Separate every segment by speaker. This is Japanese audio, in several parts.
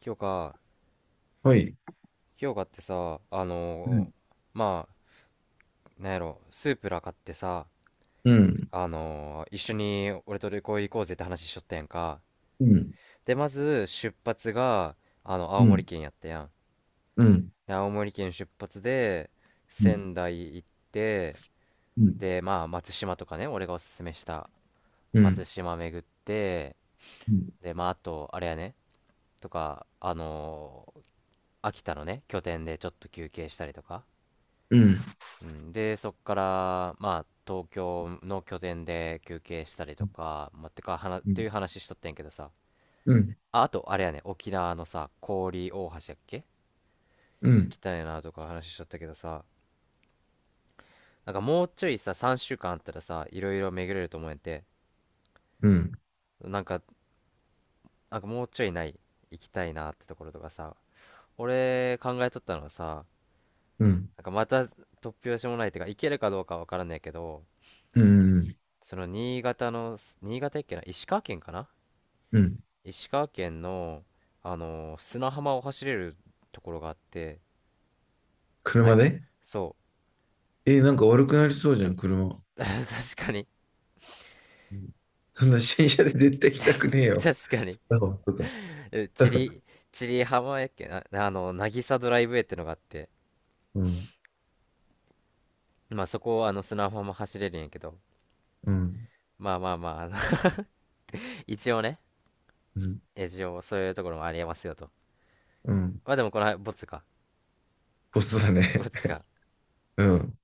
Speaker 1: 清香、
Speaker 2: はい。
Speaker 1: 清香ってさ、
Speaker 2: うん、
Speaker 1: まあ、なんやろ、スープラ買ってさ、
Speaker 2: うん、
Speaker 1: 一緒に俺と旅行行こうぜって話しちょったやんか。
Speaker 2: うん、
Speaker 1: で、まず出発が、
Speaker 2: う
Speaker 1: 青森
Speaker 2: ん、
Speaker 1: 県やったやん。
Speaker 2: うん、うん、
Speaker 1: で、青森県出発で、
Speaker 2: うん、
Speaker 1: 仙台行って、
Speaker 2: うん、
Speaker 1: で、まあ、松島とかね、俺がおすすめした
Speaker 2: う
Speaker 1: 松
Speaker 2: ん、
Speaker 1: 島巡って、
Speaker 2: うん、
Speaker 1: で、まあ、あと、あれやね、とか、秋田のね、拠点でちょっと休憩したりとか。
Speaker 2: うん、
Speaker 1: うん、で、そこから、まあ、東京の拠点で休憩したりとか、まあ、てか、はな、ってい
Speaker 2: う
Speaker 1: う話しとってんけどさ。
Speaker 2: ん、
Speaker 1: あ、あと、あれやね、沖縄のさ、氷大橋やっけ
Speaker 2: う
Speaker 1: 行
Speaker 2: ん、
Speaker 1: きたいなとか話しとったけどさ、なんかもうちょいさ、3週間あったらさ、いろいろ巡れると思えんて、なんか、なんかもうちょいない、行きたいなってところとかさ、俺考えとったのはさ、なんかまた突拍子もないっていうか、行けるかどうかわからんねんけど、
Speaker 2: うん、
Speaker 1: その新潟の、新潟やっけな、石川県かな。
Speaker 2: うん、
Speaker 1: 石川県の、砂浜を走れるところがあって、な、
Speaker 2: 車で
Speaker 1: そ
Speaker 2: え、なんか悪くなりそうじゃん、車。
Speaker 1: う、確かに、
Speaker 2: そんな新車で絶対行きたくね
Speaker 1: 確
Speaker 2: え
Speaker 1: か
Speaker 2: よ。
Speaker 1: 確かに、
Speaker 2: スタバとか。
Speaker 1: えチリ、チリ浜やっけな、あの、渚ドライブウェイってのがあって、
Speaker 2: うん、
Speaker 1: まあそこをあの砂浜走れるんやけど、
Speaker 2: うん、
Speaker 1: まあまあまあ、一応ね、
Speaker 2: うん、
Speaker 1: 一応そういうところもありえますよと。
Speaker 2: うん。
Speaker 1: まあでもこのボツか、
Speaker 2: ボスだ
Speaker 1: ボ
Speaker 2: ね。
Speaker 1: ツか、
Speaker 2: うん。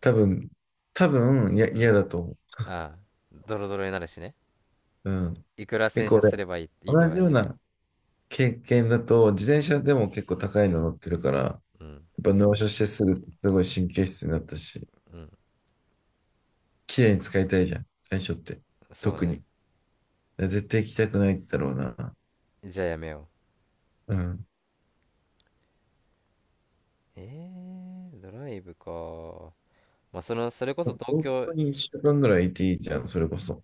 Speaker 2: 多分、多分、いや、
Speaker 1: う
Speaker 2: 嫌
Speaker 1: ん、
Speaker 2: だと思
Speaker 1: ああ、ドロドロになるしね、
Speaker 2: う。うん。
Speaker 1: いくら
Speaker 2: 結
Speaker 1: 洗
Speaker 2: 構
Speaker 1: 車す
Speaker 2: 俺、
Speaker 1: ればいいと
Speaker 2: 同
Speaker 1: は
Speaker 2: じ
Speaker 1: い
Speaker 2: よう
Speaker 1: え、
Speaker 2: な経験だと、自転車でも結構高いの乗ってるから、
Speaker 1: うん、
Speaker 2: っぱ納車してすぐ、すごい神経質になったし、
Speaker 1: うん、
Speaker 2: 綺麗に使いたいじゃん、最初って。
Speaker 1: そう
Speaker 2: 特
Speaker 1: ね、
Speaker 2: に。絶対行きたくないだろうな。
Speaker 1: じゃあやめよう。
Speaker 2: うん。
Speaker 1: えドライブか。まあ、その、それこそ東
Speaker 2: 本
Speaker 1: 京、
Speaker 2: 当に1週間ぐらいいていいじゃん、それこそ。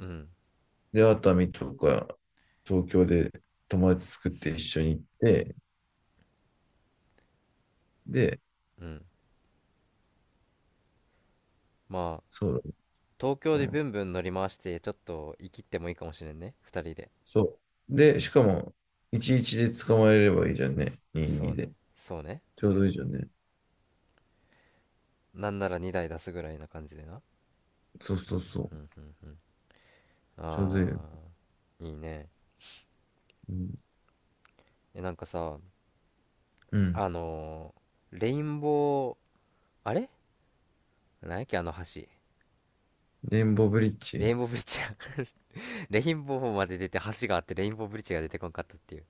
Speaker 1: うん、
Speaker 2: で、熱海とか、東京で友達作って一緒に行って、で、
Speaker 1: うん。まあ、
Speaker 2: そう
Speaker 1: 東京
Speaker 2: だ、う
Speaker 1: でブ
Speaker 2: ん。
Speaker 1: ンブン乗り回して、ちょっと生きってもいいかもしれんね。二人で。
Speaker 2: そう。
Speaker 1: う
Speaker 2: で、し
Speaker 1: ん。
Speaker 2: かも、11で捕まえればいいじゃんね。
Speaker 1: そ
Speaker 2: 22
Speaker 1: うね。
Speaker 2: で。
Speaker 1: そうね。
Speaker 2: ちょうどいいじゃんね。
Speaker 1: なんなら2台出すぐらいな感じでな。
Speaker 2: そうそうそう。ちょうどいいよ。
Speaker 1: あー、いいね。
Speaker 2: うん。
Speaker 1: え、なんかさ、
Speaker 2: うん。
Speaker 1: あのーレインボー、あれなんやっけ、あの橋。
Speaker 2: レインボーブリッ
Speaker 1: レ
Speaker 2: ジ。
Speaker 1: インボーブリッジや。 レインボーまで出て橋があってレインボーブリッジが出てこんかったっていう。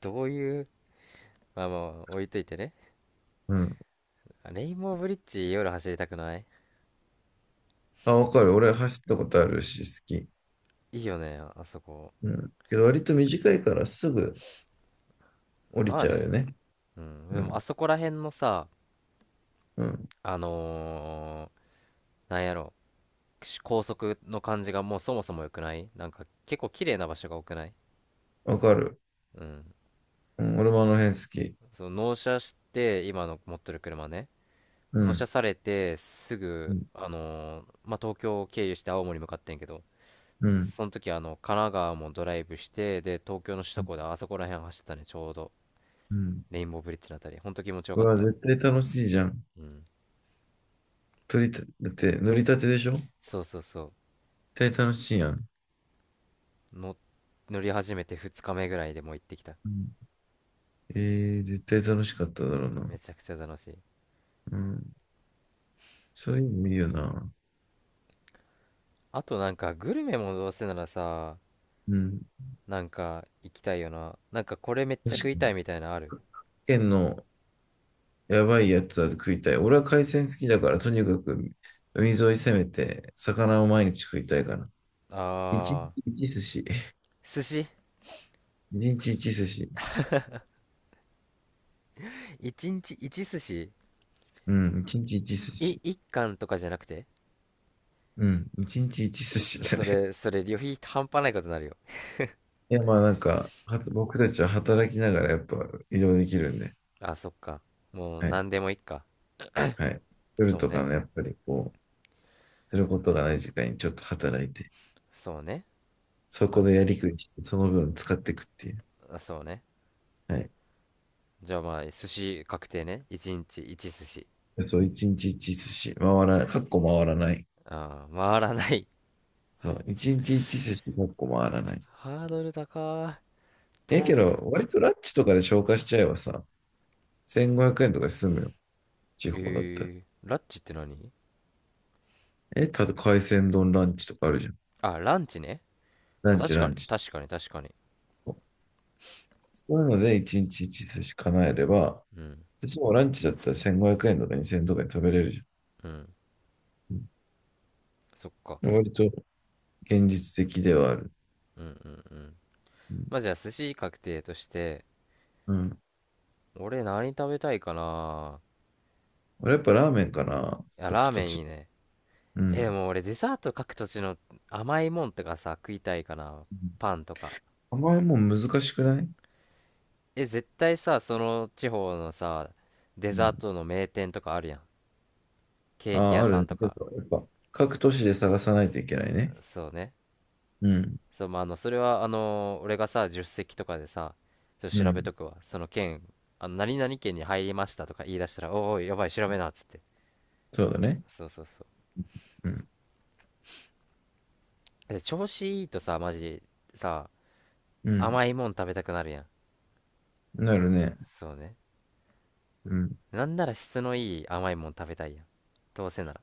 Speaker 1: どういう、まあまあ、置いといてね。
Speaker 2: うん。
Speaker 1: レインボーブリッジ夜走りたくない。
Speaker 2: あ、わかる。俺走ったことあるし、好き。
Speaker 1: いいよね、あそこ。
Speaker 2: うん。けど割と短いからすぐ降り
Speaker 1: まあ
Speaker 2: ちゃう
Speaker 1: ね、
Speaker 2: よね。
Speaker 1: うん。
Speaker 2: う
Speaker 1: で
Speaker 2: ん。
Speaker 1: もあそこら辺のさ、
Speaker 2: うん。
Speaker 1: あのなんやろ、高速の感じがもうそもそも良くない。なんか結構綺麗な場所が多くない？
Speaker 2: わかる。
Speaker 1: うん。
Speaker 2: うん。俺もあの辺好き。
Speaker 1: その納車して、今の持ってる車ね。
Speaker 2: う
Speaker 1: 納車
Speaker 2: ん。
Speaker 1: されて、す
Speaker 2: う
Speaker 1: ぐ、
Speaker 2: ん。
Speaker 1: まあ、東京を経由して青森向かってんけど、
Speaker 2: うん。
Speaker 1: その時神奈川もドライブして、で、東京の首都高であそこら辺走ったね、ちょうど。
Speaker 2: うん。
Speaker 1: レインボーブリッジのあたり。ほんと気持ちよ
Speaker 2: う
Speaker 1: かっ
Speaker 2: わ、
Speaker 1: た。
Speaker 2: 絶対楽しいじゃん。
Speaker 1: うん。
Speaker 2: 取りた、だって乗りたてでしょ、
Speaker 1: そうそうそ
Speaker 2: 絶対楽しいやん。
Speaker 1: う。乗り始めて2日目ぐらいでもう行ってきた。
Speaker 2: うん。えー、絶対楽しかっただろうな。
Speaker 1: めちゃくちゃ楽しい。
Speaker 2: うん。そういうのいいよな。
Speaker 1: あとなんかグルメもどうせならさ、
Speaker 2: うん。
Speaker 1: なんか行きたいよな。なんかこれめっちゃ食
Speaker 2: 確
Speaker 1: い
Speaker 2: か
Speaker 1: た
Speaker 2: に。
Speaker 1: いみたいなのある？
Speaker 2: 県のやばいやつは食いたい。俺は海鮮好きだから、とにかく海沿い攻めて、魚を毎日食いたいから。
Speaker 1: あ
Speaker 2: 一日
Speaker 1: ー、
Speaker 2: 一寿司。
Speaker 1: 寿司、
Speaker 2: 一日一寿司。
Speaker 1: 1日1寿司。
Speaker 2: うん、一日一寿司。
Speaker 1: 1貫とかじゃなくて？
Speaker 2: うん、一日一寿司だ
Speaker 1: そ
Speaker 2: ね。
Speaker 1: れそれ旅費半端ないことになるよ。
Speaker 2: いや、まあなんか、は僕たちは働きながらやっぱ移動できるんで、
Speaker 1: あ、そっか。もう
Speaker 2: はい、
Speaker 1: 何でもいいか。
Speaker 2: はい。夜
Speaker 1: そう
Speaker 2: とか
Speaker 1: ね、
Speaker 2: のやっぱりこう、することがない時間にちょっと働いて、
Speaker 1: そうね。
Speaker 2: そ
Speaker 1: ま
Speaker 2: こ
Speaker 1: あ
Speaker 2: で
Speaker 1: じ
Speaker 2: や
Speaker 1: ゃ
Speaker 2: りくりして、その分使っていくっていう。
Speaker 1: あ、あ、そうね、
Speaker 2: はい。
Speaker 1: じゃあまあ寿司確定ね。1日1寿司。
Speaker 2: そう、一日一寿司。回らない、かっこ回らない。
Speaker 1: ああ回らない。
Speaker 2: そう、一日一寿司100個回らない。
Speaker 1: ハードル高い。
Speaker 2: ええ
Speaker 1: と、
Speaker 2: けど、割とラッチとかで消化しちゃえばさ、1500円とかで済むよ。地
Speaker 1: え
Speaker 2: 方だったら。
Speaker 1: ラッチって何？
Speaker 2: え、ただ海鮮丼ランチとかあるじゃん。
Speaker 1: あ、ランチね。
Speaker 2: ラ
Speaker 1: まあ
Speaker 2: ンチ
Speaker 1: 確
Speaker 2: ラ
Speaker 1: か
Speaker 2: ン
Speaker 1: に、
Speaker 2: チ。
Speaker 1: 確かに、確かに。
Speaker 2: そういうので一日一寿司叶えれば、
Speaker 1: うん、
Speaker 2: 私もランチだったら1500円とか2000円とかに食べれるじゃん。
Speaker 1: うん。
Speaker 2: う
Speaker 1: そっか。
Speaker 2: ん、割と現実的ではある。
Speaker 1: うん、うん、うん。
Speaker 2: うん。
Speaker 1: まあ、じゃあ、寿司確定として、
Speaker 2: うん、
Speaker 1: 俺何食べたいかな。
Speaker 2: 俺やっぱラーメンかな。
Speaker 1: いや、
Speaker 2: 各
Speaker 1: ラー
Speaker 2: 土
Speaker 1: メンい
Speaker 2: 地。
Speaker 1: いね。
Speaker 2: う
Speaker 1: え、で
Speaker 2: ん。
Speaker 1: も俺デザート各土地の甘いもんとかさ、食いたいかな。
Speaker 2: うん、
Speaker 1: パンとか。
Speaker 2: あんまりもう難しくない。
Speaker 1: え、絶対さ、その地方のさ、デ
Speaker 2: う
Speaker 1: ザー
Speaker 2: ん。
Speaker 1: トの名店とかあるやん。ケ
Speaker 2: あ
Speaker 1: ーキ
Speaker 2: あ、
Speaker 1: 屋
Speaker 2: あ
Speaker 1: さ
Speaker 2: る
Speaker 1: ん
Speaker 2: ね。
Speaker 1: と
Speaker 2: ちょっ
Speaker 1: か。
Speaker 2: とやっぱ、各都市で探さないといけないね。
Speaker 1: そうね。
Speaker 2: うん。
Speaker 1: そう、まあ、それは、俺がさ、助手席とかでさ、ちょっと
Speaker 2: う
Speaker 1: 調べ
Speaker 2: ん。
Speaker 1: とくわ。その件、何々県に入りましたとか言い出したら、おいおい、やばい、調べな、っつって。
Speaker 2: そうだね。
Speaker 1: そうそうそ
Speaker 2: うん。
Speaker 1: う。で、調子いいとさ、マジ、さ、
Speaker 2: うん。
Speaker 1: 甘いもん食べたくなるやん。
Speaker 2: なるね。
Speaker 1: そうね。
Speaker 2: うん。
Speaker 1: なんなら質のいい甘いもん食べたいやん。どうせなら。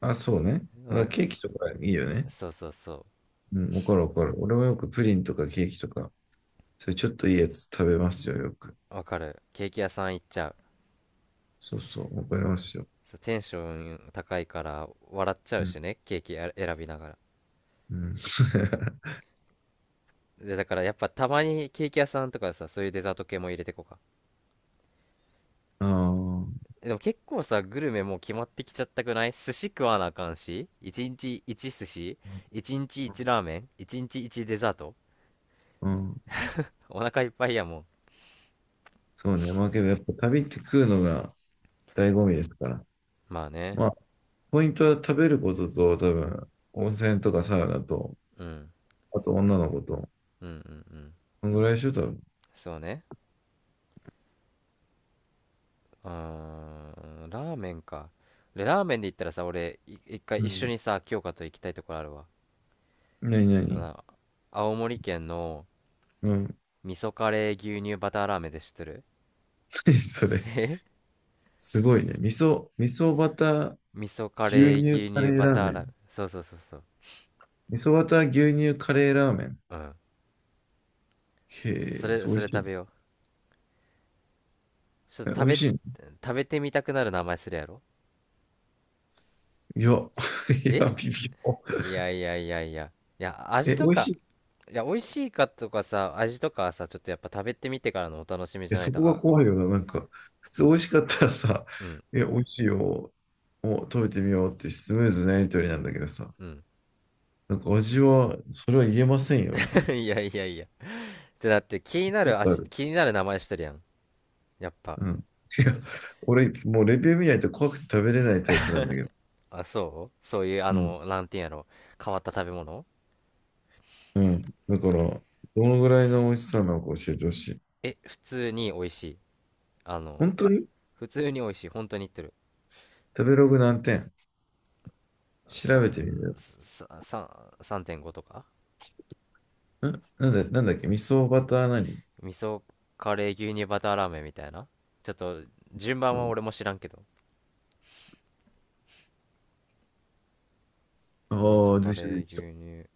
Speaker 2: あ、そうね。
Speaker 1: う
Speaker 2: だから
Speaker 1: ん、
Speaker 2: ケーキとかいいよね。
Speaker 1: そうそうそ
Speaker 2: うん。わかるわかる。俺もよくプリンとかケーキとか、それちょっといいやつ食べますよ、よく。
Speaker 1: う。わかる。ケーキ屋さん行っちゃう。
Speaker 2: そうそう、わかりますよ。
Speaker 1: そうテンション高いから笑っちゃ
Speaker 2: う
Speaker 1: うし
Speaker 2: ん。
Speaker 1: ね、ケーキや選びながら。
Speaker 2: うん。
Speaker 1: で、だからやっぱたまにケーキ屋さんとかさ、そういうデザート系も入れてこうか。
Speaker 2: ああ。
Speaker 1: でも結構さ、グルメもう決まってきちゃったくない？寿司食わなあかんし、1日1寿司、1日1ラーメン、1日1デザート。
Speaker 2: うん。
Speaker 1: お腹いっぱいやもん。
Speaker 2: そうね。まあけど、やっぱ旅って食うのが醍醐味ですから。
Speaker 1: まあね。
Speaker 2: まあ、ポイントは食べることと、多分、温泉とかサウナと、
Speaker 1: うん。
Speaker 2: あと女の子と。
Speaker 1: うんうんうん。
Speaker 2: こんぐらいでしょ、多分。
Speaker 1: そうね。うーん。ラーメンか。でラーメンで言ったらさ、俺、一回
Speaker 2: う
Speaker 1: 一緒
Speaker 2: ん。
Speaker 1: にさ、京香と行きたいところあるわ。
Speaker 2: なにな
Speaker 1: あ
Speaker 2: に。
Speaker 1: の、青森県の
Speaker 2: うん。
Speaker 1: 味噌カレー牛乳バターラーメンで知ってる？
Speaker 2: 何それ。
Speaker 1: え
Speaker 2: すごいね。味噌、味噌バター、
Speaker 1: 味噌カ
Speaker 2: 牛
Speaker 1: レー
Speaker 2: 乳
Speaker 1: 牛
Speaker 2: カ
Speaker 1: 乳
Speaker 2: レー
Speaker 1: バ
Speaker 2: ラー
Speaker 1: ター
Speaker 2: メ
Speaker 1: ラーメン。
Speaker 2: ン。
Speaker 1: そうそうそうそう。
Speaker 2: 味噌バター、牛乳カレーラーメン。
Speaker 1: うん。そ
Speaker 2: へえ、
Speaker 1: れ、
Speaker 2: そう、
Speaker 1: そ
Speaker 2: 美
Speaker 1: れ
Speaker 2: 味しい
Speaker 1: 食
Speaker 2: ね。
Speaker 1: べよう。ちょっ
Speaker 2: え、
Speaker 1: と
Speaker 2: 美
Speaker 1: 食
Speaker 2: 味
Speaker 1: べ、
Speaker 2: しいの。
Speaker 1: 食べてみたくなる名前するやろ？
Speaker 2: いや、いや、
Speaker 1: え
Speaker 2: 微妙。
Speaker 1: いやいやいやいや。いや、
Speaker 2: え、
Speaker 1: 味と
Speaker 2: 美味し
Speaker 1: か、
Speaker 2: い。
Speaker 1: いや、美味しいかとかさ、味とかはさ、ちょっとやっぱ食べてみてからのお楽しみじ
Speaker 2: え、
Speaker 1: ゃない
Speaker 2: そこ
Speaker 1: と、
Speaker 2: が怖いよな。なんか、普通美味しかったらさ、
Speaker 1: うん、
Speaker 2: え、美味しいよ。お、食べてみようってスムーズなやりとりなんだけどさ。
Speaker 1: うん。
Speaker 2: なんか味は、それは言えませんよ、みたいな。
Speaker 1: いやいやいや。じゃ、だって気になる名前してるやん。やっぱ。
Speaker 2: うん。いや、俺、もうレビュー見ないと怖くて食べれないタイプなんだけど。
Speaker 1: あ、そうそういう、
Speaker 2: うん。
Speaker 1: なんていうんやろ。変わった食べ物
Speaker 2: うん。だか
Speaker 1: な。
Speaker 2: ら、どのぐらいの美味しさなのか教えてほしい。
Speaker 1: 普通に美味しい。あの、
Speaker 2: 本当に。
Speaker 1: 普通に美味しい。本当に言ってる。
Speaker 2: 食べログ何点
Speaker 1: さ、
Speaker 2: 調べてみる。
Speaker 1: さ、さ、3.5とか。
Speaker 2: んなんだ、なんだっけ、味噌バター何。
Speaker 1: 味噌カレー牛乳バターラーメンみたいな。ちょっと順番
Speaker 2: そ
Speaker 1: は
Speaker 2: う。
Speaker 1: 俺も知らんけど。味噌
Speaker 2: ああ、出
Speaker 1: カ
Speaker 2: てきた、
Speaker 1: レ
Speaker 2: 出
Speaker 1: ー
Speaker 2: てき
Speaker 1: 牛
Speaker 2: た。
Speaker 1: 乳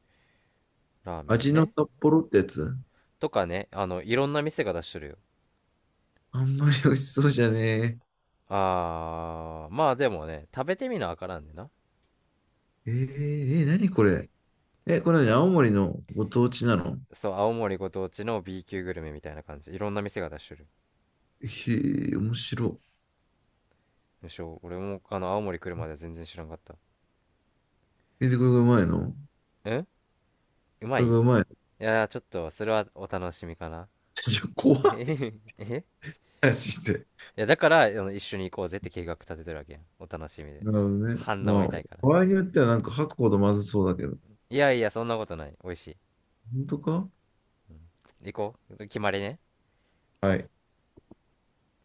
Speaker 1: ラーメン
Speaker 2: 味の
Speaker 1: ね、
Speaker 2: 札幌ってやつ。
Speaker 1: とかね、あのいろんな店が出しとるよ。
Speaker 2: あんまり美味しそうじゃね
Speaker 1: あー、まあでもね、食べてみなわからんでな。
Speaker 2: え。えー、えー、何これ。え、これ何、青森のご当地なの。
Speaker 1: そう、青森ご当地の B 級グルメみたいな感じ、いろんな店が出しとる。
Speaker 2: へえ、面白
Speaker 1: むしろ俺もあの青森来るまで全然知らんかった。
Speaker 2: い。え、で、これがうまいの。
Speaker 1: うん。うま
Speaker 2: これ
Speaker 1: い
Speaker 2: が
Speaker 1: い
Speaker 2: うまいの。
Speaker 1: やー、ちょっとそれはお楽しみかな。
Speaker 2: じゃ、怖い話して。
Speaker 1: いやだから、あの、一緒に行こうぜって計画立ててるわけやん、お楽しみで。
Speaker 2: なるほどね。
Speaker 1: 反応
Speaker 2: ま
Speaker 1: 見たいから。
Speaker 2: あ、場合によってはなんか吐くほどまずそうだけど。
Speaker 1: いやいや、そんなことない。美味し
Speaker 2: 本当か。
Speaker 1: い。行こう。決まりね。
Speaker 2: はい。